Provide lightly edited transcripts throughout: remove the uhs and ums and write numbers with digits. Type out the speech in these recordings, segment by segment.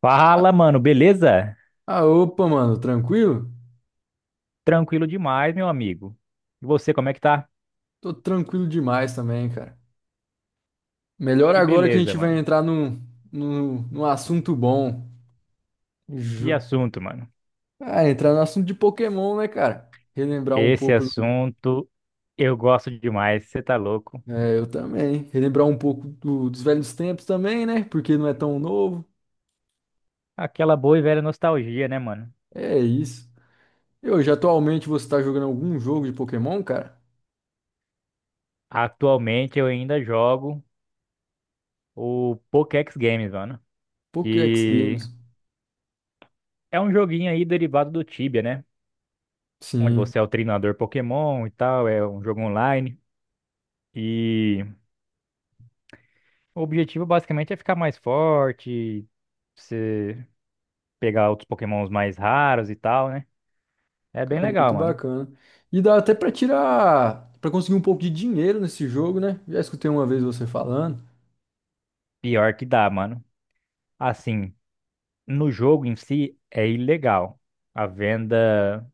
Fala, mano, beleza? Ah, opa, mano, tranquilo? Tranquilo demais, meu amigo. E você, como é que tá? Tô tranquilo demais também, cara. Melhor Que agora que a beleza, gente vai mano. entrar num assunto bom. Que Ju- assunto, mano. Ah, entrar no assunto de Pokémon, né, cara? Relembrar um Esse pouco do. assunto eu gosto demais, você tá louco. É, eu também. Relembrar um pouco dos velhos tempos também, né? Porque não é tão novo. Aquela boa e velha nostalgia, né, mano? É isso. E hoje, atualmente, você tá jogando algum jogo de Pokémon, cara? Atualmente eu ainda jogo o Pokédex Games, mano, Pokéx que Games. é um joguinho aí derivado do Tibia, né? Onde Sim. você é o treinador Pokémon e tal, é um jogo online. E o objetivo basicamente é ficar mais forte, pegar outros Pokémons mais raros e tal, né? É bem Cara, muito legal, mano. bacana. E dá até pra conseguir um pouco de dinheiro nesse jogo, né? Já escutei uma vez você falando. Pior que dá, mano. Assim, no jogo em si é ilegal a venda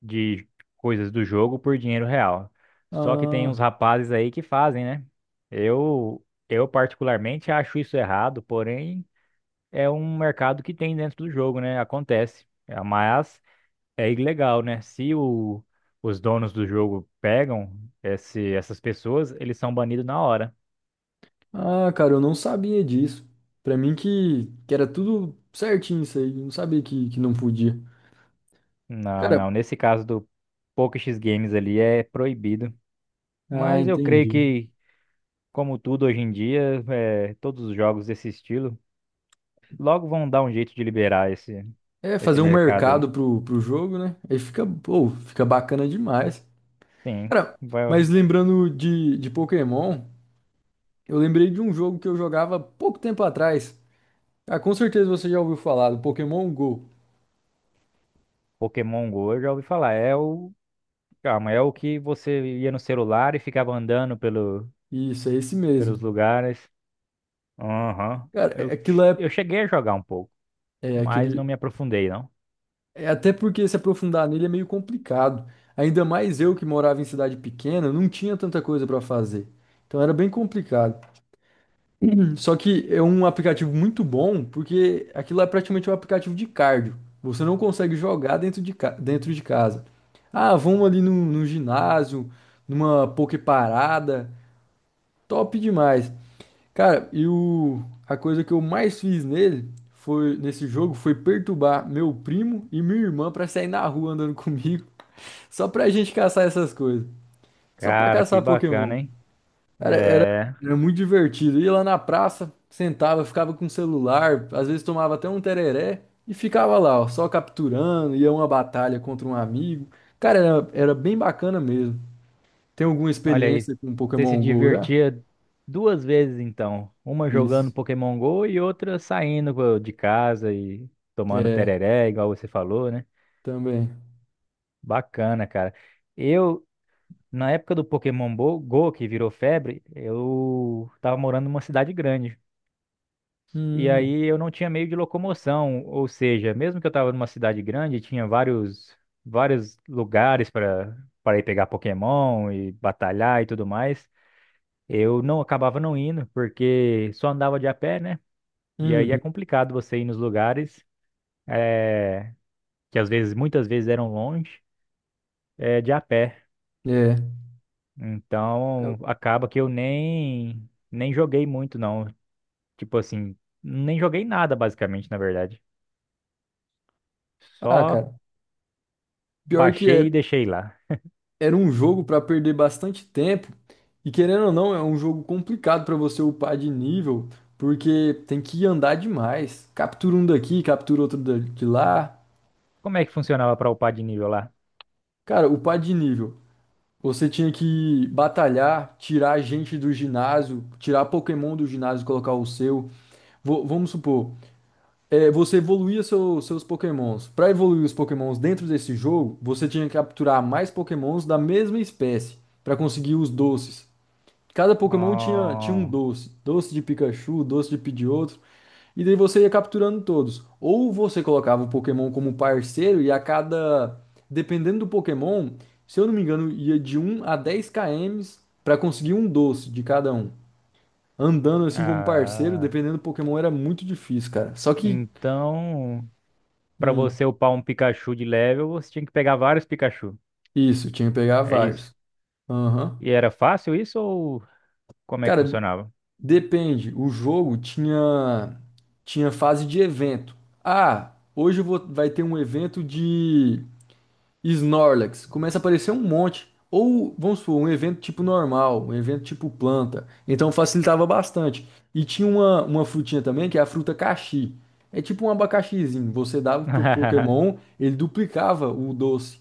de coisas do jogo por dinheiro real. Só que tem uns Ah, rapazes aí que fazem, né? Eu particularmente acho isso errado, porém é um mercado que tem dentro do jogo, né? Acontece. É, mas é ilegal, né? Se o, os donos do jogo pegam esse, essas pessoas, eles são banidos na hora. ah, cara, eu não sabia disso. Pra mim que era tudo certinho isso aí, eu não sabia que não podia. Não, Cara, não. Nesse caso do Poker X Games ali é proibido. ah, Mas eu creio entendi. que, como tudo hoje em dia, é, todos os jogos desse estilo logo vão dar um jeito de liberar esse, É esse fazer um mercado mercado aí. pro jogo, né? Aí fica, pô, fica bacana demais. Sim, Cara, mas vai- lembrando de Pokémon, eu lembrei de um jogo que eu jogava pouco tempo atrás. Ah, com certeza você já ouviu falar do Pokémon Go. Pokémon Go, eu já ouvi falar. É o. Calma, é o que você ia no celular e ficava andando pelo, Isso, é esse mesmo. pelos lugares. Aham. Cara, aquilo é, Eu cheguei a jogar um pouco, é mas aquele. não me aprofundei, não. É até porque se aprofundar nele é meio complicado. Ainda mais eu que morava em cidade pequena, não tinha tanta coisa pra fazer. Então era bem complicado. Só que é um aplicativo muito bom, porque aquilo é praticamente um aplicativo de cardio. Você não consegue jogar dentro de casa. Ah, vamos ali no ginásio, numa poke parada. Top demais. Cara, A coisa que eu mais fiz nele foi nesse jogo foi perturbar meu primo e minha irmã pra sair na rua andando comigo, só pra gente caçar essas coisas, só pra Cara, caçar que Pokémon. bacana, hein? Cara, era, É. era muito divertido. Ia lá na praça, sentava, ficava com o celular, às vezes tomava até um tereré e ficava lá, ó, só capturando, ia uma batalha contra um amigo. Cara, era bem bacana mesmo. Tem alguma Olha aí, experiência com você se Pokémon Go já? divertia duas vezes então, uma jogando Isso. Pokémon Go e outra saindo de casa e tomando É, tereré, igual você falou, né? também. Bacana, cara. Eu, na época do Pokémon Go, que virou febre, eu tava morando numa cidade grande. E Hum. aí eu não tinha meio de locomoção, ou seja, mesmo que eu tava numa cidade grande, tinha vários vários lugares para para ir pegar Pokémon e batalhar e tudo mais. Eu não acabava não indo, porque só andava de a pé, né? E aí é Uhum, complicado você ir nos lugares eh, que às vezes, muitas vezes eram longe, de a pé. é. Então acaba que eu nem joguei muito não. Tipo assim, nem joguei nada basicamente, na verdade. Ah, Só cara, pior que baixei e deixei lá. era um jogo pra perder bastante tempo. E querendo ou não, é um jogo complicado pra você upar de nível, porque tem que andar demais. Captura um daqui, captura outro de lá. Como é que funcionava para upar de nível lá? Cara, upar de nível. Você tinha que batalhar, tirar gente do ginásio, tirar Pokémon do ginásio e colocar o seu. Vamos supor, é, você evoluía seus Pokémons. Para evoluir os Pokémons dentro desse jogo, você tinha que capturar mais Pokémons da mesma espécie para conseguir os doces. Cada Pokémon tinha um Oh, doce, doce de Pikachu, doce de Pidgeotto, e daí você ia capturando todos. Ou você colocava o Pokémon como parceiro e a cada, dependendo do Pokémon, se eu não me engano, ia de 1 a 10 km para conseguir um doce de cada um. Andando assim como parceiro, ah, dependendo do Pokémon, era muito difícil, cara. Só que. então, para Hum. você upar um Pikachu de level, você tinha que pegar vários Pikachu. Isso, tinha que pegar É isso. vários. Aham. E era fácil isso ou como é que Cara, funcionava? depende. O jogo tinha fase de evento. Ah, hoje vai ter um evento de Snorlax. Começa a aparecer um monte. Ou, vamos supor, um evento tipo normal, um evento tipo planta. Então facilitava bastante. E tinha uma frutinha também, que é a fruta caxi. É tipo um abacaxizinho. Você dava pro Pokémon, ele duplicava o doce.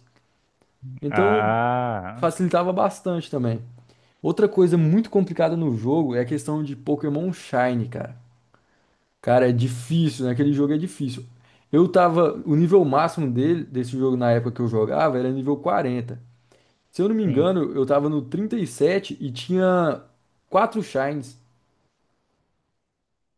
Então Ah, facilitava bastante também. Outra coisa muito complicada no jogo é a questão de Pokémon Shine, cara. Cara, é difícil, né? Aquele jogo é difícil. Eu tava. O nível máximo dele, desse jogo na época que eu jogava era nível 40. Se eu não me sim. engano, eu tava no 37 e tinha quatro Shines.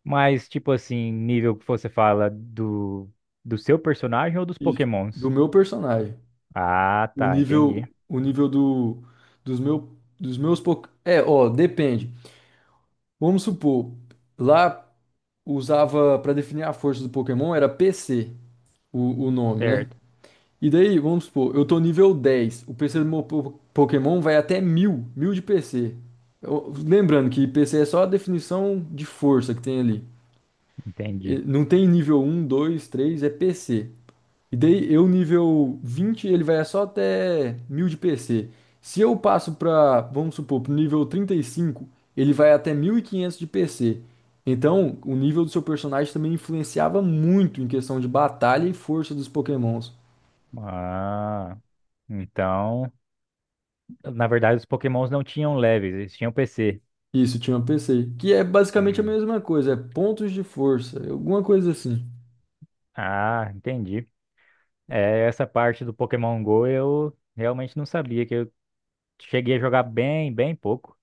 Mas, tipo assim, nível que você fala do, do seu personagem ou dos Isso. Do Pokémons? meu personagem. Ah, O tá, entendi. nível. O nível do. Dos, meu, dos meus. É, ó, depende. Vamos supor, lá usava pra definir a força do Pokémon era PC, o nome, né? Certo, E daí, vamos supor, eu tô nível 10. O PC do meu Pokémon vai até mil de PC. Lembrando que PC é só a definição de força que tem ali. E entendi. não tem nível um 2 três, é PC. E daí, eu nível 20, ele vai só até 1000 de PC. Se eu passo vamos supor, pro nível 35, ele vai até 1500 de PC. Então, o nível do seu personagem também influenciava muito em questão de batalha e força dos Pokémons. Ah, então, na verdade, os Pokémons não tinham leves, eles tinham PC. Isso, tinha uma PC, que é basicamente a Hum. mesma coisa, é pontos de força, alguma coisa assim. Ah, entendi. É, essa parte do Pokémon Go eu realmente não sabia, que eu cheguei a jogar bem, bem pouco.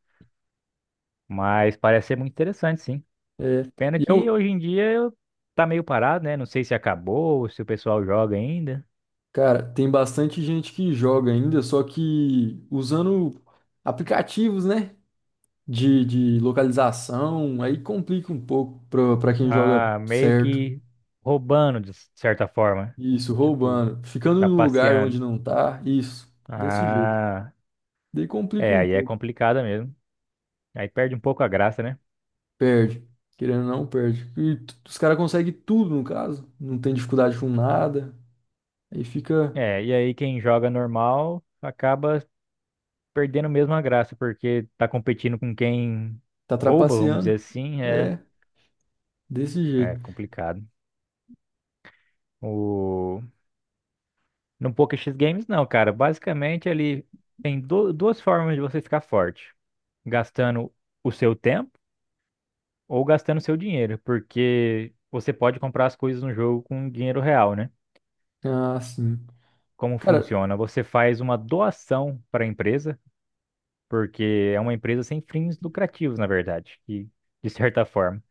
Mas parece ser muito interessante, sim. É, Pena e é que o hoje em dia tá meio parado, né? Não sei se acabou, se o pessoal joga ainda. cara, tem bastante gente que joga ainda, só que usando aplicativos, né, de localização, aí complica um pouco pra quem joga Ah, meio certo. que roubando, de certa forma. Isso, Tipo, roubando, ficando no lugar onde trapaceando. não tá, isso, desse jeito. Ah, Daí complica é, um aí é pouco, complicado mesmo. Aí perde um pouco a graça, né? perde, querendo ou não, perde. E os caras conseguem tudo, no caso, não tem dificuldade com nada. Aí fica. É, e aí quem joga normal acaba perdendo mesmo a graça, porque tá competindo com quem Tá rouba, vamos trapaceando? dizer assim, é, É, desse é jeito. complicado. No Poker X Games, não, cara. Basicamente, ele tem duas formas de você ficar forte: gastando o seu tempo ou gastando o seu dinheiro, porque você pode comprar as coisas no jogo com dinheiro real, né? Ah, sim. Como Cara, funciona? Você faz uma doação para a empresa, porque é uma empresa sem fins lucrativos, na verdade, e de certa forma.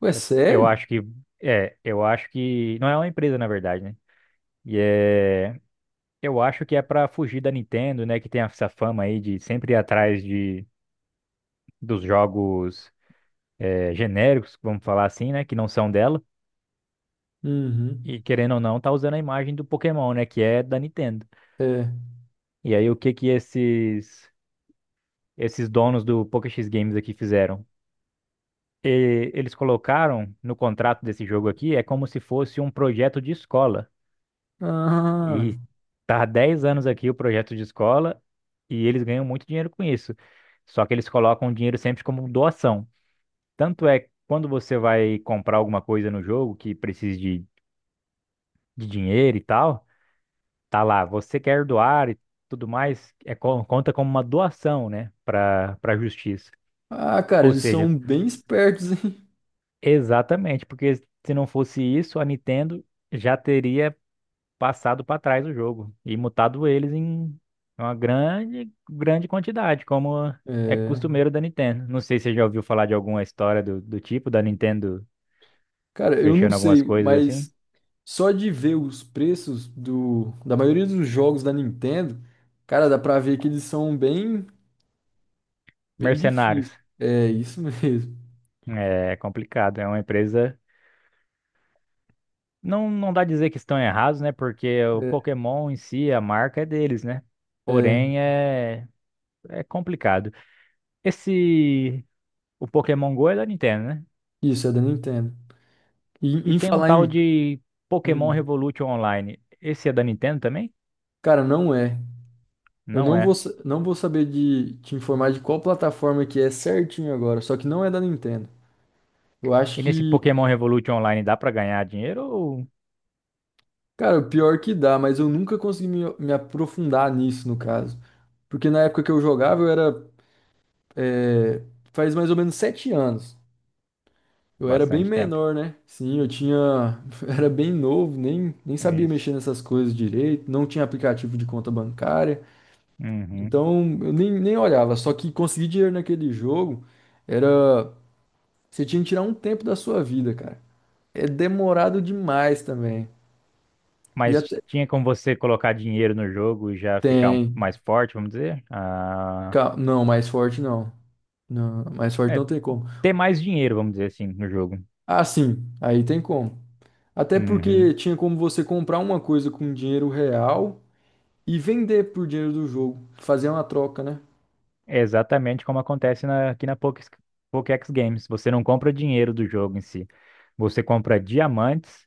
ué, Eu sério? acho que é, eu acho que não é uma empresa, na verdade, né? E é. Eu acho que é pra fugir da Nintendo, né? Que tem essa fama aí de sempre ir atrás de, dos jogos genéricos, vamos falar assim, né? Que não são dela. Uhum. E querendo ou não, tá usando a imagem do Pokémon, né? Que é da Nintendo. É. E aí, o que que esses, esses donos do PokéX Games aqui fizeram? Eles colocaram no contrato desse jogo aqui, é como se fosse um projeto de escola. Ah, E tá há 10 anos aqui o projeto de escola e eles ganham muito dinheiro com isso. Só que eles colocam o dinheiro sempre como doação. Tanto é que quando você vai comprar alguma coisa no jogo que precise de dinheiro e tal, tá lá, você quer doar e tudo mais, é, conta como uma doação, né, para para a justiça. ah, cara, Ou eles seja, são bem espertos, hein? exatamente, porque se não fosse isso, a Nintendo já teria passado para trás o jogo e mutado eles em uma grande, grande quantidade, como é É. costumeiro da Nintendo. Não sei se você já ouviu falar de alguma história do, do tipo da Nintendo Cara, eu não fechando algumas sei, coisas assim. mas só de ver os preços da maioria dos jogos da Nintendo, cara, dá pra ver que eles são bem, bem Mercenários. difíceis. É, isso mesmo. É é complicado, é uma empresa. Não, não dá dizer que estão errados, né? Porque o É, Pokémon em si, a marca é deles, né? é, Porém, é, é complicado. Esse. O Pokémon Go é da Nintendo, né? isso é da Nintendo. E E em tem um falar tal em. de Pokémon hum, Revolution Online. Esse é da Nintendo também? Cara, não é. Eu Não não vou, é. sa- Não vou saber de te informar de qual plataforma que é certinho agora, só que não é da Nintendo. Eu E acho nesse que, Pokémon Revolution Online dá pra ganhar dinheiro ou cara, o pior que dá, mas eu nunca consegui me aprofundar nisso, no caso. Porque na época que eu jogava, é, faz mais ou menos 7 anos. Eu era bem bastante tempo? menor, né? Sim, eu tinha, eu era bem novo, nem sabia mexer Isso. nessas coisas direito, não tinha aplicativo de conta bancária, Uhum. então eu nem olhava. Só que conseguir dinheiro naquele jogo era. Você tinha que tirar um tempo da sua vida, cara. É demorado demais também. E Mas até tinha como você colocar dinheiro no jogo e já ficar tem. mais forte, vamos dizer? Ah. Não, mais forte não. Não, mais forte É, não tem como. ter mais dinheiro, vamos dizer assim, no jogo. Ah, sim, aí tem como. Até porque Uhum. tinha como você comprar uma coisa com dinheiro real e vender por dinheiro do jogo. Fazer uma troca, né? É exatamente como acontece aqui na Pokex, Pokex Games. Você não compra dinheiro do jogo em si. Você compra diamantes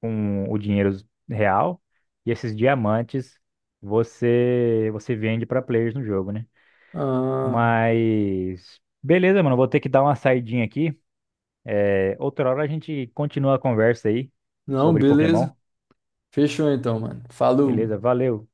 com o dinheiro real e esses diamantes você vende para players no jogo, né? Ah, Mas beleza, mano, vou ter que dar uma saidinha aqui. É, outra hora a gente continua a conversa aí não, sobre beleza. Pokémon. Fechou então, mano. Falou. Beleza, valeu.